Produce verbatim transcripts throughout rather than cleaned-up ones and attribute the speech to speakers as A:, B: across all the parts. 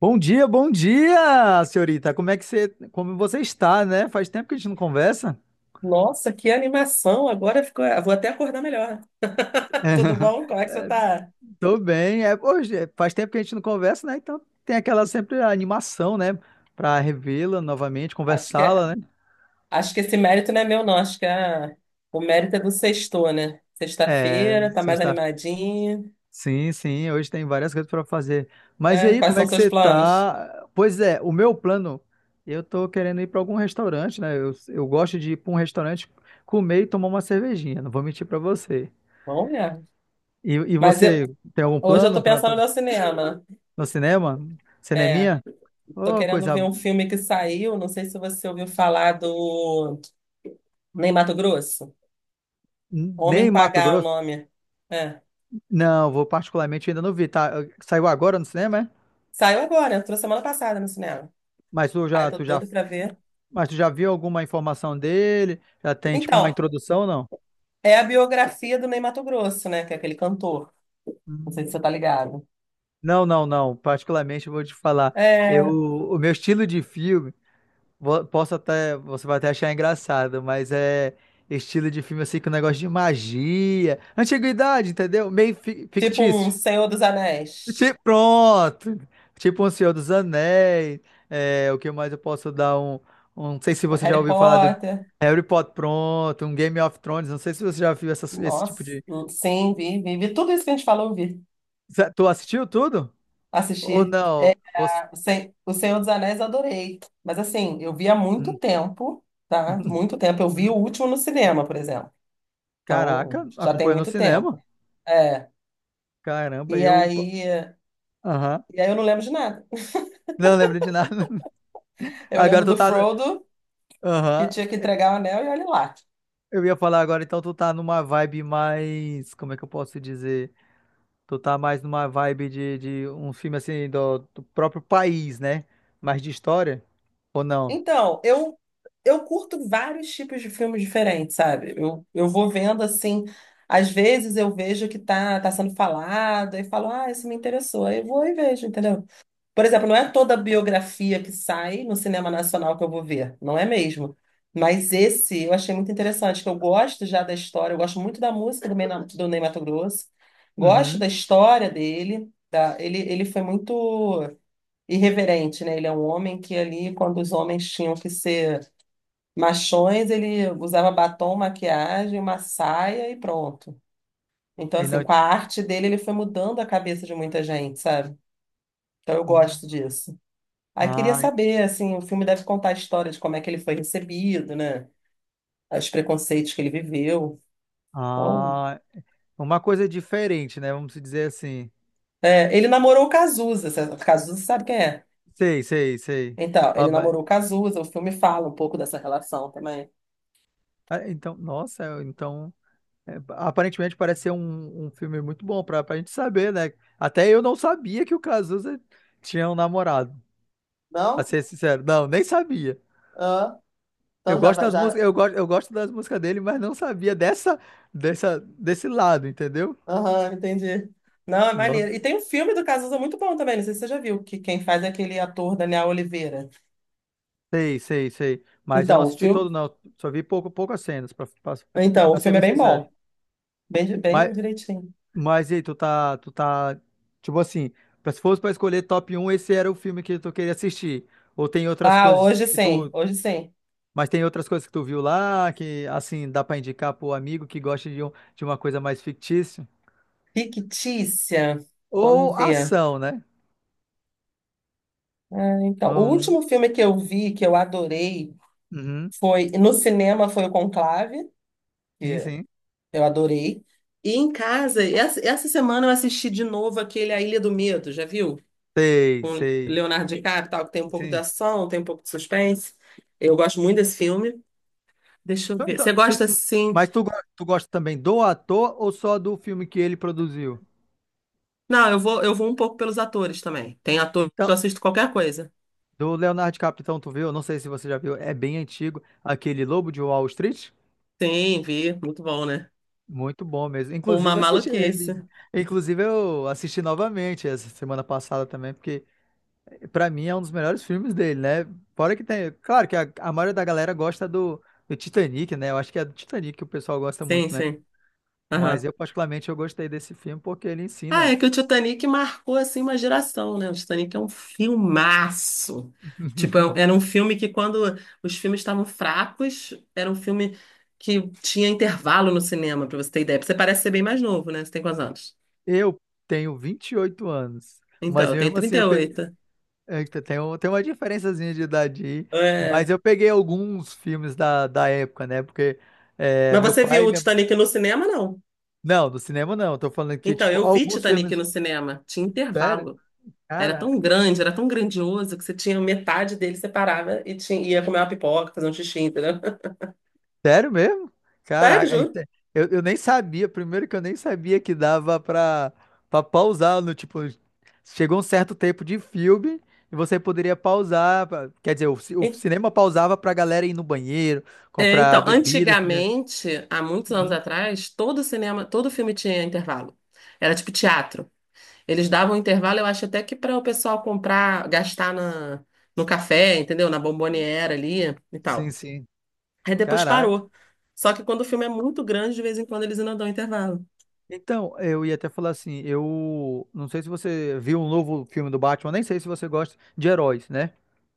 A: Bom dia, bom dia, senhorita. Como é que você, como você está, né? Faz tempo que a gente não conversa.
B: Nossa, que animação! Agora ficou. Vou até acordar melhor. Tudo bom? Como é que você
A: É,
B: tá?
A: tô bem. É, hoje, é, faz tempo que a gente não conversa, né? Então tem aquela sempre animação, né? Para revê-la novamente,
B: Acho que, é-
A: conversá-la, né?
B: acho que esse mérito não é meu, não. Acho que é- o mérito é do sexto, né?
A: É,
B: Sexta-feira, tá mais
A: sexta.
B: animadinho.
A: Sim, sim. Hoje tem várias coisas para fazer. Mas e
B: É,
A: aí,
B: quais
A: como é
B: são
A: que
B: seus
A: você
B: planos?
A: tá? Pois é, o meu plano, eu tô querendo ir para algum restaurante, né? Eu, eu gosto de ir para um restaurante comer e tomar uma cervejinha. Não vou mentir para você.
B: Bom, mesmo.
A: E, e
B: Mas eu-
A: você tem algum
B: Hoje eu
A: plano
B: tô
A: para
B: pensando no cinema.
A: no cinema?
B: É,
A: Cineminha?
B: tô
A: Oh,
B: querendo
A: coisa.
B: ver um filme que saiu. Não sei se você ouviu falar do Ney Matogrosso. Homem
A: Nem
B: com H,
A: Mato
B: é o
A: Grosso?
B: nome. É.
A: Não, vou particularmente ainda não vi. Tá, saiu agora no cinema, é?
B: Saiu agora, entrou semana passada no cinema.
A: Mas tu
B: Ai,
A: já,
B: tô
A: tu já,
B: doido pra ver.
A: mas tu já viu alguma informação dele? Já tem tipo uma
B: Então,
A: introdução ou não?
B: é a biografia do Ney Matogrosso, né? Que é aquele cantor. Não sei se
A: Hum.
B: você tá ligado.
A: Não, não, não. Particularmente eu vou te falar. Eu,
B: É
A: o meu estilo de filme, vo- posso até, você vai até achar engraçado, mas é estilo de filme assim com negócio de magia, antiguidade, entendeu? Meio fi-
B: tipo um
A: fictício.
B: Senhor dos
A: Ti-
B: Anéis,
A: Pronto. Tipo um Senhor dos Anéis. É, o que mais eu posso dar um, um- Não sei se
B: um
A: você já
B: Harry
A: ouviu falar do
B: Potter.
A: Harry Potter, pronto. Um Game of Thrones. Não sei se você já viu essas- esse
B: Nossa,
A: tipo de.
B: sim, vi, vi, vi tudo isso que a gente falou, eu vi.
A: Zé, tu assistiu tudo? Ou
B: Assisti.
A: não? Ou s-
B: O Sen- o Senhor dos Anéis eu adorei. Mas assim, eu vi há muito
A: Hum.
B: tempo, tá? Muito tempo. Eu vi o
A: Hum.
B: último no cinema, por exemplo. Então,
A: Caraca,
B: já tem
A: acompanhou no
B: muito
A: cinema?
B: tempo. É.
A: Caramba,
B: E
A: eu.
B: aí,
A: Aham.
B: e aí eu não lembro de nada.
A: Não lembro de nada.
B: Eu
A: Agora
B: lembro
A: tu
B: do
A: tá.
B: Frodo, que
A: Aham.
B: tinha que entregar o anel, e olha lá.
A: Eu ia falar agora, então tu tá numa vibe mais. Como é que eu posso dizer? Tu tá mais numa vibe de, de um filme assim do, do próprio país, né? Mais de história? Ou não?
B: Então, eu eu curto vários tipos de filmes diferentes, sabe? Eu, eu vou vendo assim, às vezes eu vejo que tá, tá sendo falado e falo, ah, isso me interessou. Aí eu vou e vejo, entendeu? Por exemplo, não é toda biografia que sai no cinema nacional que eu vou ver, não é mesmo? Mas esse eu achei muito interessante, que eu gosto já da história, eu gosto muito da música do, Ney- do Ney Matogrosso, gosto
A: Uhum.
B: da história dele, da, ele, ele foi muito irreverente, né? Ele é um homem que ali, quando os homens tinham que ser machões, ele usava batom, maquiagem, uma saia e pronto. Então,
A: E
B: assim,
A: não...
B: com a arte dele, ele foi mudando a cabeça de muita gente, sabe? Então, eu gosto disso. Aí, queria
A: Ah,
B: saber, assim, o filme deve contar a história de como é que ele foi recebido, né? Os preconceitos que ele viveu. Então,
A: ah, uma coisa diferente, né? Vamos dizer assim.
B: é, ele namorou o Cazuza. sa- Cazuza sabe quem é?
A: Sei, sei, sei.
B: Então,
A: Ah,
B: ele namorou
A: mas-
B: o Cazuza. O filme fala um pouco dessa relação também.
A: ah, então, nossa, então. É, aparentemente parece ser um, um filme muito bom pra, pra gente saber, né? Até eu não sabia que o Cazuza tinha um namorado. Pra
B: Não?
A: ser sincero, não, nem sabia.
B: Ah.
A: Eu
B: Então já,
A: gosto
B: va-
A: das
B: já
A: músicas, eu gosto, eu gosto das músicas dele, mas não sabia dessa, dessa, desse lado, entendeu?
B: Aham, entendi. Não, é maneiro.
A: Nossa,
B: E tem um filme do Cazuza muito bom também, não sei se você já viu, que quem faz é aquele ator Daniel Oliveira.
A: sei, sei, sei. Mas eu não
B: Então, o
A: assisti
B: filme,
A: todo, não. Só vi pouco, poucas cenas, pra, pra,
B: então, o
A: pra ser
B: filme é
A: bem
B: bem
A: sincero.
B: bom, bem, bem
A: Mas,
B: direitinho.
A: mas e aí, tu tá, tu tá, tipo assim, pra- se fosse pra escolher top um, esse era o filme que tu queria assistir. Ou tem outras
B: Ah,
A: coisas
B: hoje
A: que
B: sim,
A: tu,
B: hoje sim.
A: mas tem outras coisas que tu viu lá, que, assim, dá pra indicar pro amigo que gosta de, um, de uma coisa mais fictícia.
B: Fictícia,
A: Ou
B: vamos ver.
A: ação, né?
B: Ah, então, o
A: Hum,
B: último filme que eu vi, que eu adorei,
A: uhum,
B: foi, no cinema foi o Conclave,
A: sim,
B: que
A: sim.
B: eu adorei. E em casa, essa, essa semana eu assisti de novo aquele A Ilha do Medo, já viu?
A: Sei,
B: Com
A: sei.
B: Leonardo DiCaprio, tal, que tem um pouco de
A: Sim.
B: ação, tem um pouco de suspense. Eu gosto muito desse filme. Deixa eu
A: Então,
B: ver. Você
A: então, se
B: gosta
A: tu-
B: assim?
A: mas tu, go- tu gosta também do ator ou só do filme que ele produziu?
B: Não, eu vou, eu vou um pouco pelos atores também. Tem atores
A: Então,
B: que eu assisto qualquer coisa.
A: do Leonardo DiCaprio, então tu viu? Eu não sei se você já viu, é bem antigo, aquele Lobo de Wall Street.
B: Sim, vi, muito bom, né?
A: Muito bom mesmo. Inclusive,
B: Uma
A: eu assisti, é,
B: maluquice.
A: inclusive eu assisti novamente essa semana passada também, porque pra mim é um dos melhores filmes dele, né? Fora que tem, claro que a, a maioria da galera gosta do, do Titanic, né? Eu acho que é do Titanic que o pessoal gosta
B: Sim,
A: muito, né?
B: sim.
A: Mas
B: Aham.
A: eu particularmente eu gostei desse filme porque ele
B: Ah,
A: ensina.
B: é que o Titanic marcou assim uma geração, né? O Titanic é um filmaço. Tipo, é- um- era um filme que quando os filmes estavam fracos, era um filme que tinha intervalo no cinema, pra você ter ideia. Você parece ser bem mais novo, né? Você tem quantos anos?
A: Eu tenho vinte e oito anos,
B: Então,
A: mas
B: eu tenho
A: mesmo assim
B: trinta e
A: eu pe...
B: oito.
A: Eita, tem um- tem uma diferençazinha de idade aí,
B: É...
A: mas eu peguei alguns filmes da, da época, né? Porque é,
B: Mas
A: meu
B: você viu
A: pai e
B: o
A: minha...
B: Titanic no cinema, não?
A: Não, no cinema não, eu tô falando que,
B: Então,
A: tipo,
B: eu vi
A: alguns
B: Titanic
A: filmes...
B: no cinema. Tinha
A: Sério?
B: intervalo. Era tão grande, era tão grandioso que você tinha metade dele, você parava e tinha, ia comer uma pipoca, fazer um xixi, entendeu?
A: Sério mesmo?
B: Sério,
A: Caraca, é
B: juro.
A: inte- eu, eu nem sabia. Primeiro que eu nem sabia que dava pra, pra pausar no tipo. Chegou um certo tempo de filme e você poderia pausar. pra- Quer dizer, o, ci- o cinema pausava pra galera ir no banheiro,
B: É,
A: comprar
B: então,
A: bebida, refrigerante.
B: antigamente, há muitos anos
A: Uhum.
B: atrás, todo cinema, todo filme tinha intervalo. Era tipo teatro. Eles davam um intervalo, eu acho até que para o pessoal comprar, gastar na, no café, entendeu? Na bomboniera ali e
A: Sim,
B: tal.
A: sim.
B: Aí depois
A: Caraca.
B: parou. Só que quando o filme é muito grande, de vez em quando eles ainda dão intervalo.
A: Então, eu ia até falar assim, eu não sei se você viu um novo filme do Batman, nem sei se você gosta de heróis, né?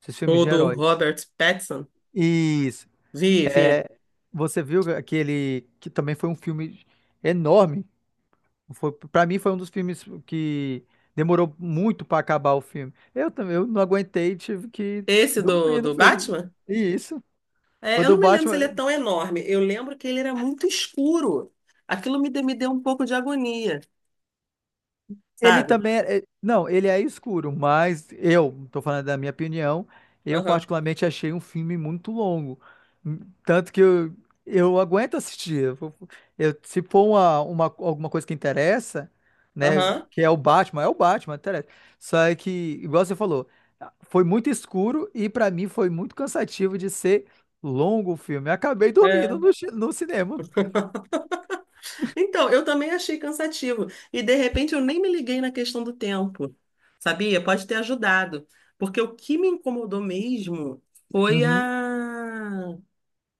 A: Esses filmes
B: O
A: de
B: do
A: heróis.
B: Robert Pattinson,
A: Isso.
B: vi, vi.
A: É, você viu aquele que também foi um filme enorme. Foi, para mim foi um dos filmes que demorou muito para acabar o filme. Eu também, eu não aguentei, tive que
B: Esse do,
A: dormir no
B: do
A: filme.
B: Batman?
A: E isso. O
B: É, eu
A: do
B: não me lembro se ele é
A: Batman,
B: tão enorme. Eu lembro que ele era muito escuro. Aquilo me, de- me deu um pouco de agonia,
A: ele
B: sabe?
A: também é, é- não, ele é escuro, mas eu, tô falando da minha opinião, eu
B: Aham,
A: particularmente achei um filme muito longo. Hum. Tanto que eu, eu, aguento assistir. Eu, vou- eu- se for uma, uma, alguma coisa que interessa, né,
B: aham,
A: que é o Batman, é o Batman, interessa. Só é que, igual você falou, foi muito escuro e pra mim foi muito cansativo de ser longo o filme. Eu acabei dormindo
B: é.
A: no, chi- no cinema.
B: Então, eu também achei cansativo. E de repente eu nem me liguei na questão do tempo, sabia? Pode ter ajudado. Porque o que me incomodou mesmo foi
A: Uhum.
B: a...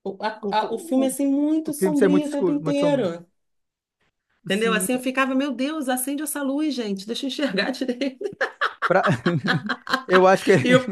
B: O, a-
A: O, f-
B: a- o filme
A: o,
B: assim
A: o
B: muito
A: filme ser muito
B: sombrio o tempo
A: escuro, muito sombrio.
B: inteiro. Entendeu?
A: Sim,
B: Assim eu ficava, meu Deus, acende essa luz, gente, deixa eu enxergar direito.
A: pra- Eu acho
B: E
A: que.
B: eu,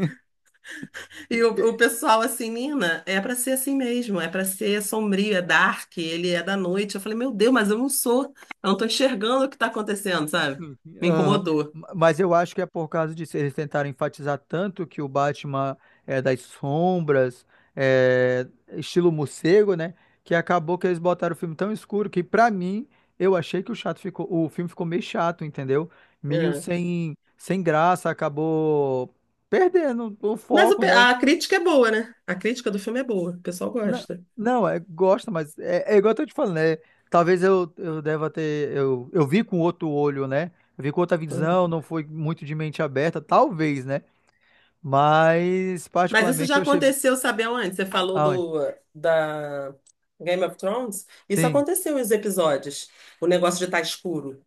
B: e o, o pessoal assim, Nina, é pra ser assim mesmo, é pra ser sombrio, é dark, ele é da noite. Eu falei, meu Deus, mas eu não sou, eu não tô enxergando o que tá acontecendo, sabe? Me
A: Aham.
B: incomodou.
A: Mas eu acho que é por causa disso. Eles tentaram enfatizar tanto que o Batman é das sombras, é estilo morcego, né? Que acabou que eles botaram o filme tão escuro que, pra mim, eu achei que o chato ficou, o filme ficou meio chato, entendeu? Meio
B: É.
A: sem, sem graça, acabou perdendo o
B: Mas o
A: foco,
B: pe-
A: né?
B: a crítica é boa, né? A crítica do filme é boa, o pessoal
A: Não,
B: gosta.
A: não, é, gosta, mas é, é igual eu tô te falando, né? Talvez eu, eu deva ter. Eu, eu vi com outro olho, né? Eu vi com outra
B: Uhum.
A: visão, não foi muito de mente aberta, talvez, né? Mas,
B: Mas isso
A: particularmente,
B: já
A: eu achei.
B: aconteceu, sabe aonde? Você falou
A: Aonde?
B: do da Game of Thrones? Isso
A: Sim,
B: aconteceu em os episódios, o negócio de estar escuro.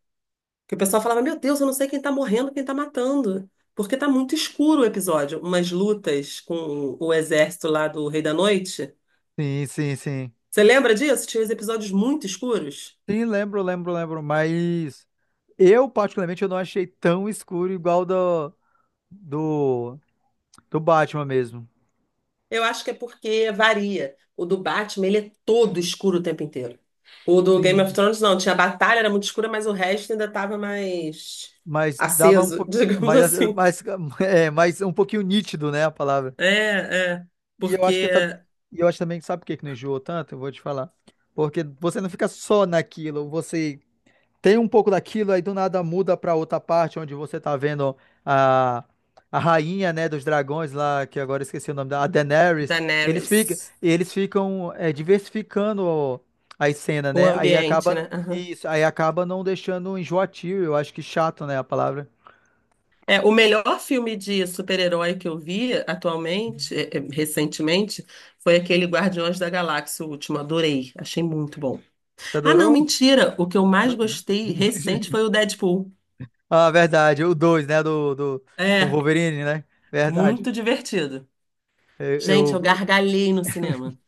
B: Que o pessoal falava, meu Deus, eu não sei quem tá morrendo, quem tá matando. Porque tá muito escuro o episódio. Umas lutas com o exército lá do Rei da Noite.
A: sim, sim, sim.
B: Você lembra disso? Tinha uns episódios muito escuros.
A: Sim, lembro, lembro, lembro. Mas eu, particularmente, eu não achei tão escuro igual do, do, do Batman mesmo.
B: Eu acho que é porque varia. O do Batman, ele é todo escuro o tempo inteiro. O do Game of
A: Sim,
B: Thrones, não. Tinha a batalha, era muito escura, mas o resto ainda tava mais
A: mas dava um
B: aceso,
A: pouco.
B: digamos
A: Mas,
B: assim.
A: mas, é, mas um pouquinho nítido, né? A palavra.
B: É, é.
A: E eu acho que
B: Porque
A: tam- e eu acho também que sabe por que que não enjoou tanto? Eu vou te falar. Porque você não fica só naquilo, você tem um pouco daquilo, aí do nada muda pra outra parte onde você tá vendo a, a rainha, né, dos dragões lá, que agora eu esqueci o nome da, a Daenerys. Eles
B: Daenerys.
A: ficam, eles ficam é, diversificando as cenas,
B: O
A: né? Aí
B: ambiente,
A: acaba
B: né?
A: isso, aí acaba não deixando enjoativo, eu acho que chato, né, a palavra.
B: É, o melhor filme de super-herói que eu vi atualmente, é, é, recentemente, foi aquele Guardiões da Galáxia, o último. Adorei. Achei muito bom.
A: Você
B: Ah, não,
A: adorou?
B: mentira. O que eu mais gostei recente foi o Deadpool.
A: Ah, verdade. O dois, né? Do, do, com o
B: É,
A: Wolverine, né? Verdade.
B: muito divertido.
A: Eu,
B: Gente, eu
A: eu,
B: gargalhei no cinema.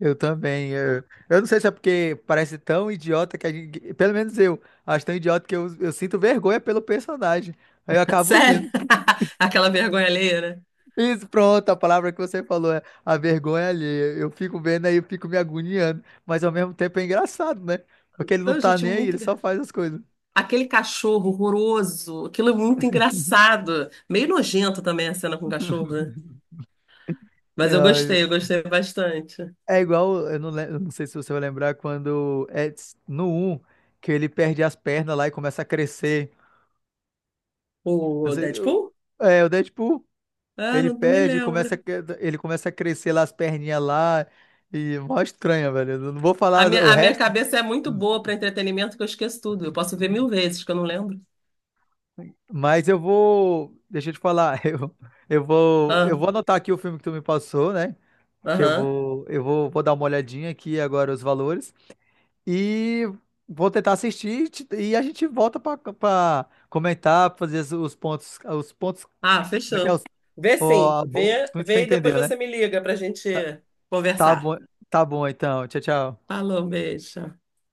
A: eu também. Eu, eu não sei se é porque parece tão idiota que a gente, pelo menos eu, acho tão idiota que eu, eu sinto vergonha pelo personagem. Aí eu acabo
B: Sério?
A: rindo.
B: Aquela vergonha alheia, né?
A: Isso, pronto, a palavra que você falou é a vergonha alheia. Eu fico vendo aí, eu fico me agoniando. Mas ao mesmo tempo é engraçado, né? Porque ele não
B: Então,
A: tá
B: gente,
A: nem aí,
B: muito.
A: ele só
B: engra-
A: faz as coisas.
B: Aquele cachorro horroroso, aquilo é muito engraçado. Meio nojento também a cena com o cachorro, né? Mas eu
A: Ai,
B: gostei, eu gostei bastante.
A: é igual, eu não, lem- eu não sei se você vai lembrar quando é s- no um que ele perde as pernas lá e começa a crescer. Não
B: O
A: sei,
B: Deadpool?
A: eu- é, o Deadpool,
B: Ah,
A: ele
B: não, não me
A: perde, começa a,
B: lembro.
A: cre- ele começa a crescer lá as perninhas lá e mó estranha, velho. Eu não vou
B: A
A: falar
B: minha,
A: o
B: a minha
A: resto,
B: cabeça é muito boa para entretenimento que eu esqueço tudo. Eu posso ver mil vezes que eu não lembro.
A: mas eu vou, deixa eu te falar, eu, eu vou, eu
B: Ah,
A: vou anotar aqui o filme que tu me passou, né? Que eu
B: aham.
A: vou, eu vou, vou dar uma olhadinha aqui agora os valores. E vou tentar assistir e te- e a gente volta para comentar, fazer os os pontos, os pontos,
B: Ah,
A: como é que é?
B: fechou.
A: Os,
B: Vê sim.
A: ó, a bo-
B: Vê,
A: tu
B: vê e depois
A: entendeu, né?
B: você me liga pra gente
A: Tá
B: conversar.
A: bom, tá bom então. Tchau, tchau.
B: Falou, beijo.